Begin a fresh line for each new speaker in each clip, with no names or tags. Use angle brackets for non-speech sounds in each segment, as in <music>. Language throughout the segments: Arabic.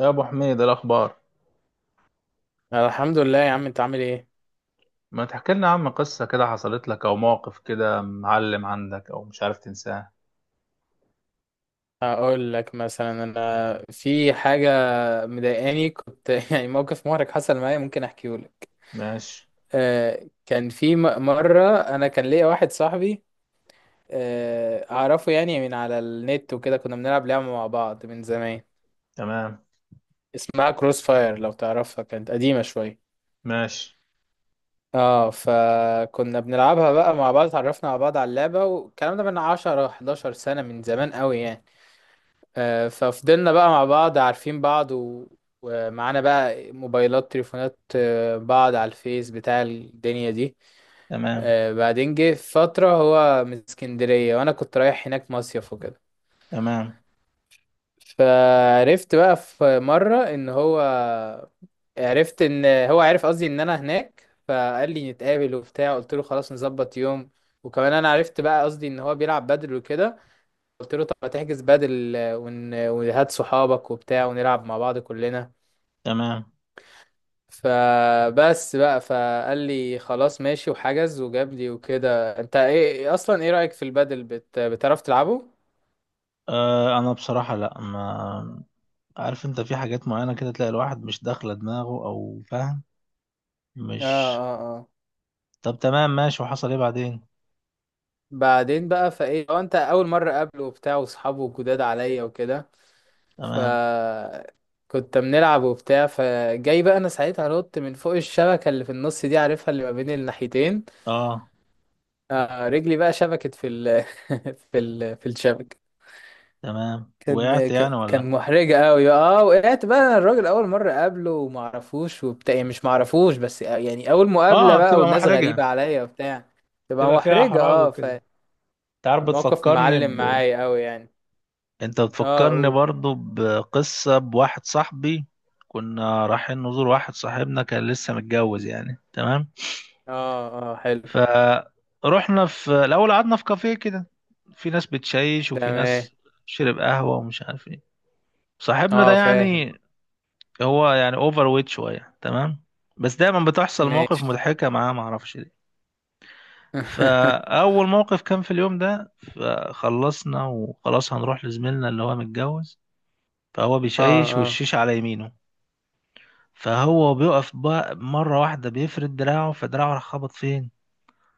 يا ابو حميد إيه الاخبار؟
أنا الحمد لله يا عم انت عامل ايه؟
ما تحكي لنا عم قصه كده حصلت لك او موقف كده معلم عندك او مش عارف تنساه.
اقول لك مثلا انا في حاجه مضايقاني كنت <laughs> يعني موقف محرج حصل معايا ممكن احكيه لك.
ماشي.
كان في مره انا كان ليا واحد صاحبي اعرفه يعني من على النت وكده كنا بنلعب لعبه مع بعض من زمان.
تمام.
اسمها كروس فاير لو تعرفها، كانت قديمه شويه.
ماشي.
اه فكنا بنلعبها بقى مع بعض، اتعرفنا على بعض على اللعبه والكلام ده من 10 11 سنه، من زمان قوي يعني. ففضلنا بقى مع بعض عارفين بعض و... ومعانا بقى موبايلات تليفونات، بعض على الفيس بتاع الدنيا دي.
تمام.
بعدين جه فترة هو من اسكندرية وأنا كنت رايح هناك مصيف وكده.
تمام.
فعرفت بقى في مرة إن هو، عرفت إن هو عرف قصدي إن أنا هناك فقال لي نتقابل وبتاع، قلت له خلاص نظبط يوم. وكمان أنا عرفت بقى قصدي إن هو بيلعب بدل وكده، قلت له طب ما تحجز بدل وهات صحابك وبتاع ونلعب مع بعض كلنا.
تمام.
فبس بقى فقال لي خلاص ماشي وحجز وجاب لي وكده. انت ايه اصلا، ايه رأيك في البدل بتعرف تلعبه؟
آه انا بصراحه لا، ما عارف، انت في حاجات معينه كده تلاقي الواحد مش داخله دماغه او فاهم،
اه
مش...
اه اه
طب تمام، ماشي، وحصل ايه بعدين؟
بعدين بقى فايه هو انت اول مره قابله وبتاع واصحابه جداد عليا وكده. ف
تمام.
كنت بنلعب وبتاع، فجاي بقى انا ساعتها نط من فوق الشبكه اللي في النص دي، عارفها اللي ما بين الناحيتين.
اه.
آه رجلي بقى شبكت في ال <laughs> في الشبكة.
تمام. وقعت يعني ولا...
كان محرجة قوي. اه وقعت بقى، انا الراجل اول مرة اقابله وما اعرفوش وبتاع، يعني مش ما اعرفوش بس، يعني اول مقابلة
اه،
بقى
بتبقى
والناس
محرجه،
غريبة عليا وبتاع. تبقى
بتبقى فيها
محرجة
احراج
اه.
وكده. انت عارف
فالموقف
بتفكرني،
معلم معايا قوي يعني.
انت
اه
بتفكرني
قول.
برضو بقصة بواحد صاحبي. كنا رايحين نزور واحد صاحبنا كان لسه متجوز يعني، تمام.
اه اه حلو.
فروحنا في الأول قعدنا في كافيه كده، في ناس بتشيش وفي
تمام.
ناس شرب قهوة ومش عارف ايه. صاحبنا ده
اه فاهم.
يعني هو يعني اوفر ويت شوية، تمام، بس دايما بتحصل مواقف
ماشي.
مضحكة معاه، معرفش ليه.
<laughs>
فأول موقف كان في اليوم ده، فخلصنا وخلاص هنروح لزميلنا اللي هو متجوز. فهو
اه
بيشيش
اه
والشيش على يمينه، فهو بيقف بقى مرة واحدة بيفرد دراعه، فدراعه راح خبط فين؟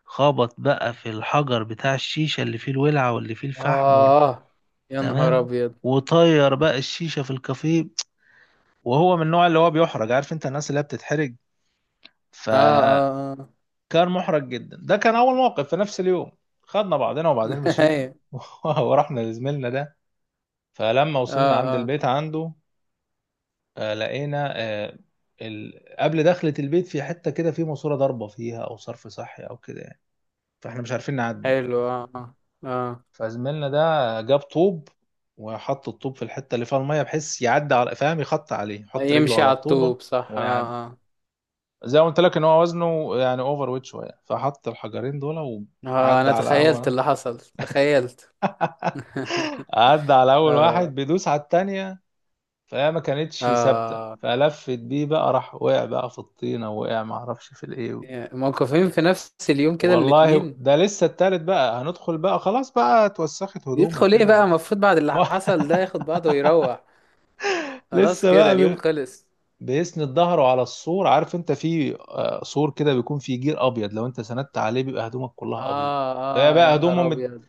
خبط بقى في الحجر بتاع الشيشة اللي فيه الولعة واللي فيه الفحم وال...
اه. يا نهار
تمام،
ابيض.
وطير بقى الشيشة في الكافيه. وهو من النوع اللي هو بيحرج، عارف انت الناس اللي هي بتتحرج،
اه
فكان
اه اه.
محرج جدا. ده كان اول موقف في نفس اليوم. خدنا بعضنا وبعدين
<laughs>
مشينا
ايوه.
<laughs> ورحنا لزميلنا ده. فلما
اه
وصلنا عند
اه
البيت عنده، لقينا ال... قبل دخلة البيت في حتة كده في ماسورة ضاربة فيها أو صرف صحي أو كده يعني. فإحنا مش عارفين نعدي.
حلو. اه اه.
فزميلنا ده جاب طوب، وحط الطوب في الحتة اللي فيها المية، بحيث يعدي على، فاهم، يخط عليه،
آه،
يحط رجله
يمشي
على
على
الطوبة
الطوب صح،
ويعدي.
اه اه.
زي ما قلت لك إن هو وزنه يعني أوفر ويت شوية، فحط الحجرين دول وعدى
انا
على
تخيلت
أول...
اللي حصل، تخيلت. <laughs>
عدى على أول
اه
واحد، بيدوس على التانية فهي ما كانتش ثابتة،
اه.
فلفت بيه بقى، راح وقع بقى في الطينة، وقع معرفش في الإيه.
يعني موقفين في نفس اليوم كده
والله
الاتنين؟
ده لسه التالت بقى، هندخل بقى خلاص بقى، اتوسخت هدومه
يدخل ايه
كده
بقى
و...
المفروض؟ بعد
<laughs> ما
اللي حصل ده ياخد بعضه ويروح. خلاص
لسه
كده
بقى
اليوم خلص.
بيسند ظهره على السور. عارف انت في سور كده بيكون فيه جير ابيض، لو انت سندت عليه بيبقى هدومك كلها ابيض.
اه
ده
اه. يا
بقى هدومه
نهار ابيض.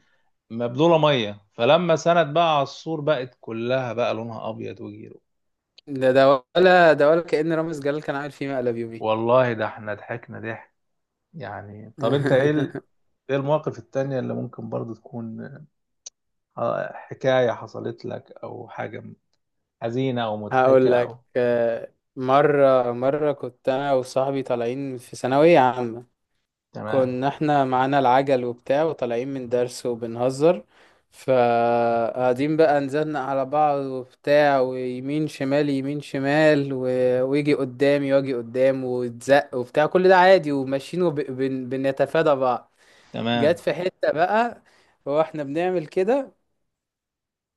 مبلوله ميه، فلما سند بقى على السور بقت كلها بقى لونها ابيض وجيره.
ده ده ولا ده، ولا كأن رامز جلال كان عامل فيه مقلب يومي.
والله ده احنا ضحكنا ضحك يعني. طب انت ايه ال...
<laughs>
ايه المواقف التانية اللي ممكن برضو تكون حكاية حصلت لك او حاجة حزينة أو مضحكة
هقول لك،
أو...
مرة كنت أنا وصاحبي طالعين في ثانوية عامة.
تمام.
كنا احنا معانا العجل وبتاع وطالعين من درس وبنهزر. فقاعدين بقى نزلنا على بعض وبتاع، ويمين شمال يمين شمال و... ويجي قدامي واجي قدام وتزق وبتاع، كل ده عادي وماشيين وبنتفادى بعض. جت
تمام.
في حتة بقى واحنا بنعمل كده،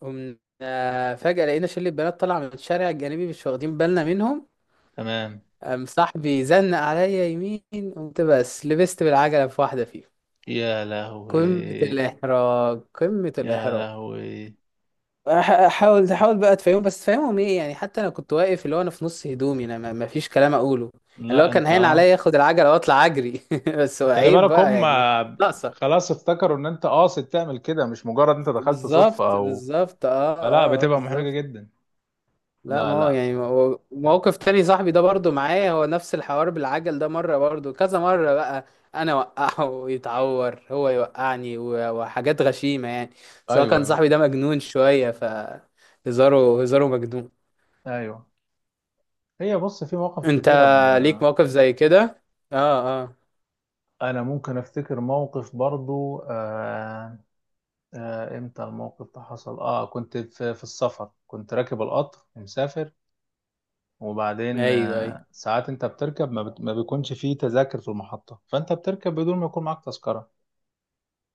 قمنا فجأة لقينا شلة بنات طالعة من الشارع الجانبي مش واخدين بالنا منهم.
تمام.
قام صاحبي زنق عليا يمين، قمت بس لبست بالعجلة في واحدة فيهم.
يا
قمة
لهوي.
الإحراج، قمة
يا
الإحراج.
لهوي.
حاول تحاول بقى تفهمهم، بس تفهمهم ايه يعني؟ حتى انا كنت واقف، اللي هو انا في نص هدومي انا، ما فيش كلام اقوله. اللي هو
لا
كان
أنت...
هين عليا اخد العجله واطلع اجري <laughs> بس هو
خلي
عيب
بالك
بقى
هم
يعني، ناقصه.
خلاص افتكروا إن أنت قاصد تعمل كده، مش مجرد أنت دخلت صدفة
بالظبط
أو...
بالظبط اه
فلا،
اه،
بتبقى محرجة
بالظبط.
جدا.
لا
لا
ما هو
لا.
يعني، ما هو موقف تاني صاحبي ده برضو معايا، هو نفس الحوار بالعجل ده مرة، برضو كذا مرة بقى. انا وقعه <laughs> ويتعور، هو يوقعني وحاجات غشيمة يعني. سواء
أيوه
كان
أيوه.
صاحبي ده مجنون شوية، ف هزاره مجنون.
أيوه، هي بص، في مواقف
انت
كتيرة ب...
ليك موقف زي كده؟ اه اه.
أنا ممكن أفتكر موقف برضو إمتى الموقف ده حصل؟ آه، كنت في... في السفر، كنت راكب القطر مسافر. وبعدين
ايوه ايوه.
ساعات انت بتركب ما بيكونش فيه تذاكر في المحطة، فانت بتركب بدون ما يكون معاك تذكرة.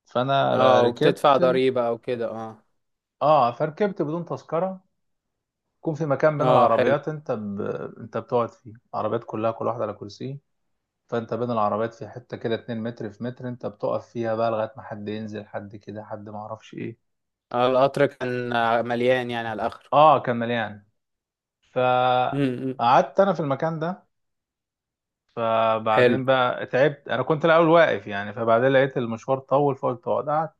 فانا
اه وبتدفع
ركبت،
ضريبة او كده، اه.
اه، فركبت بدون تذكرة. يكون في مكان بين
اه حلو.
العربيات انت انت بتقعد فيه، العربيات كلها كل واحدة على كرسي. فانت بين العربيات في حتة كده 2 متر في متر، انت بتقف فيها بقى لغاية ما حد ينزل، حد كده، حد ما اعرفش ايه.
آه القطر كان، مليان يعني على الاخر.
اه كان مليان.
امم.
فقعدت انا في المكان ده. فبعدين
حلو.
بقى تعبت، انا كنت الاول واقف يعني، فبعدين لقيت المشوار طول، فقلت اقعد، قعدت.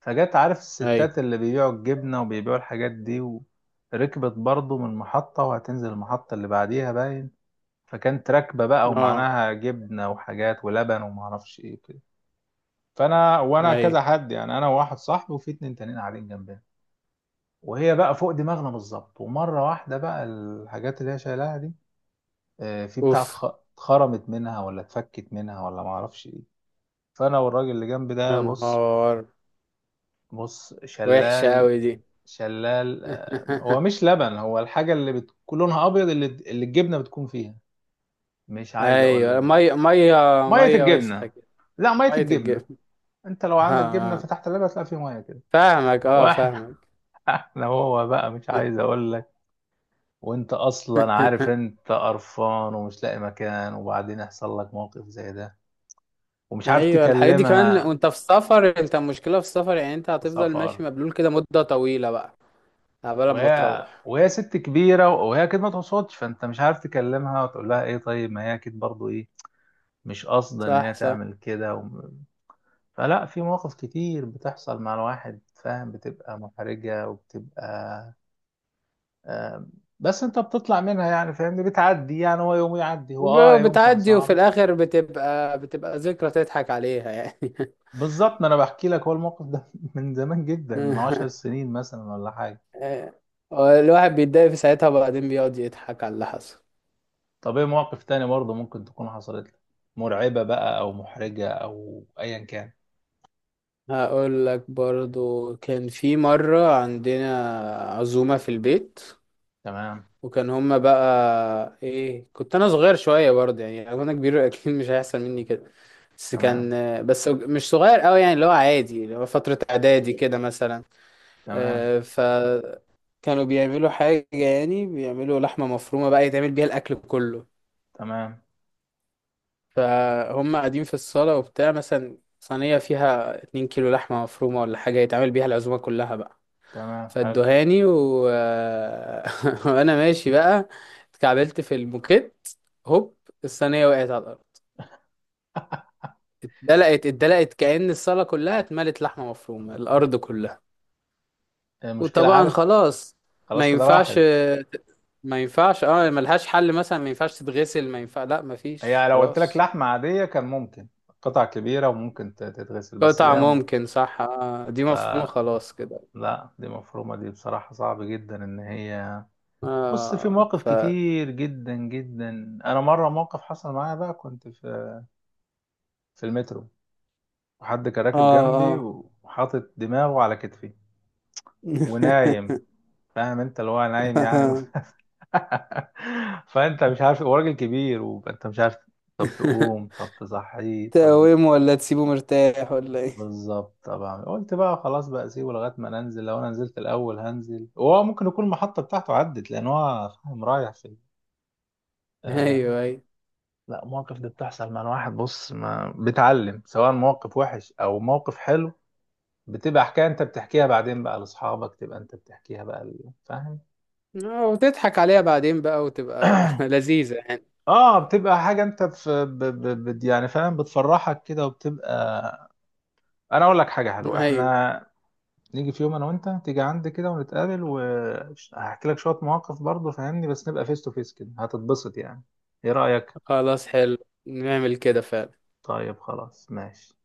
فجت، عارف
ايوه.
الستات اللي بيبيعوا الجبنه وبيبيعوا الحاجات دي، وركبت برضو من محطه وهتنزل المحطه اللي بعديها باين. فكانت راكبه بقى،
اه.
ومعناها جبنه وحاجات ولبن وما اعرفش ايه وكده. فانا وانا كذا
ايوه.
حد يعني، انا وواحد صاحبي وفي اتنين تانيين قاعدين جنبنا، وهي بقى فوق دماغنا بالظبط. ومره واحده بقى الحاجات اللي هي شايلاها دي، في بتاعه
اوف.
اتخرمت منها ولا اتفكت منها ولا ما اعرفش إيه. فانا والراجل اللي جنبي
يا
ده بص،
نهار،
بص
وحشة
شلال.
أوي دي.
شلال هو
<laughs>
مش لبن، هو الحاجه اللي بتكون لونها ابيض اللي الجبنه بتكون فيها. مش عايز اقول لك
أيوة
بقى،
مية مية.
ميه
مية وسخة
الجبنه.
كده.
لا، ميه
مية
الجبنه.
الجبن.
انت لو
<laughs> آه.
عندك جبنه
آه،
فتحت اللبن هتلاقي فيه ميه كده.
فاهمك، أه
واحنا...
فاهمك.
<laughs> احنا هو بقى مش عايز اقول لك. وانت اصلا عارف
<laughs>
انت قرفان ومش لاقي مكان، وبعدين يحصل لك موقف زي ده ومش عارف
أيوة الحاجات دي كمان
تكلمها.
وأنت في السفر، أنت المشكلة في السفر يعني، أنت
في
هتفضل
سفر،
ماشي مبلول كده مدة طويلة بقى قبل ما
وهي
تروح.
وهي ست كبيرة وهي أكيد ما تقصدش، فأنت مش عارف تكلمها وتقول لها إيه. طيب ما هي أكيد برضو إيه، مش قاصدة إن
صح
هي
صح.
تعمل كده و... فلا، في مواقف كتير بتحصل مع الواحد، فاهم، بتبقى محرجة وبتبقى... آم، بس أنت بتطلع منها يعني، فاهمني، بتعدي يعني، هو يوم يعدي، هو آه يوم كان
بتعدي وفي
صعب.
الآخر بتبقى ذكرى تضحك عليها يعني.
بالظبط، ما أنا بحكي لك هو الموقف ده <laughs> من زمان جدا، من 10 سنين مثلا، ولا حاجة.
<laughs> الواحد بيتضايق في ساعتها وبعدين بيقعد يضحك على اللي حصل.
طب إيه مواقف تاني برضو ممكن تكون حصلت لك مرعبة بقى أو محرجة أو أيا كان؟
هقول لك برضو، كان في مرة عندنا عزومة في البيت.
تمام.
وكان هما بقى ايه، كنت انا صغير شوية برضه، يعني لو انا كبير <laughs> اكيد مش هيحصل مني كده. بس كان،
تمام.
بس مش صغير قوي يعني، اللي هو عادي، اللي هو فترة اعدادي كده مثلا.
تمام.
فكانوا بيعملوا حاجة، يعني بيعملوا لحمة مفرومة بقى يتعمل بيها الاكل كله.
تمام.
فهم قاعدين في الصالة وبتاع مثلا، صينية فيها 2 كيلو لحمة مفرومة ولا حاجة، يتعمل بيها العزومة كلها بقى.
تمام. حلو.
فادوهاني و... <laughs> وانا ماشي بقى اتكعبلت في الموكيت، هوب، الصينيه وقعت على الارض، اتدلقت اتدلقت، كأن الصاله كلها اتملت لحمه مفرومه، الارض كلها.
المشكلة،
وطبعا
عارف،
خلاص ما
خلاص كده
ينفعش،
راحت.
ما ينفعش اه، ملهاش حل مثلا، ما ينفعش تتغسل، ما ينفع، لا ما
هي
فيش
لو قلت لك
خلاص.
لحمة عادية كان ممكن قطع كبيرة وممكن تتغسل، بس
قطع
لا
ممكن صح، آه دي
ف-...
مفهومه خلاص كده.
لا، دي مفرومة، دي بصراحة صعب جدا إن هي... بص، في
اه
مواقف
ف اه
كتير جدا جدا. أنا مرة موقف حصل معايا بقى، كنت في... في المترو، وحد كان راكب جنبي،
اه.
وحاطط دماغه على كتفي ونايم. فاهم أنت اللي هو نايم يعني <laughs> <laughs> فانت مش عارف، هو راجل كبير وانت مش عارف طب تقوم،
<laughs>
طب تصحيه، طب...
تقومه ولا تسيبه مرتاح ولا ايه؟ <laughs>
بالظبط. طبعا قلت بقى خلاص بقى سيبه لغايه ما ننزل، لو انا نزلت الاول هنزل، وهو ممكن يكون المحطه بتاعته عدت، لان هو فاهم رايح في...
ايوه
آه.
ايوه.
لا مواقف دي بتحصل مع الواحد، بص، ما بيتعلم، سواء موقف وحش او موقف حلو. بتبقى حكايه انت بتحكيها بعدين بقى لاصحابك، تبقى انت بتحكيها بقى ل-... فاهم.
وتضحك عليها بعدين بقى وتبقى <laughs>
<clears throat>
لذيذة يعني.
اه، بتبقى حاجه انت في ب... ب... ب... يعني فاهم، بتفرحك كده وبتبقى... انا اقول لك حاجه حلوه،
ايوه
احنا نيجي في يوم انا وانت، تيجي عندي كده ونتقابل، وهحكي لك شويه مواقف برضه، فاهمني، بس نبقى فيس تو فيس كده هتتبسط يعني. ايه رايك؟
خلاص حلو، نعمل كده فعلا.
طيب خلاص ماشي.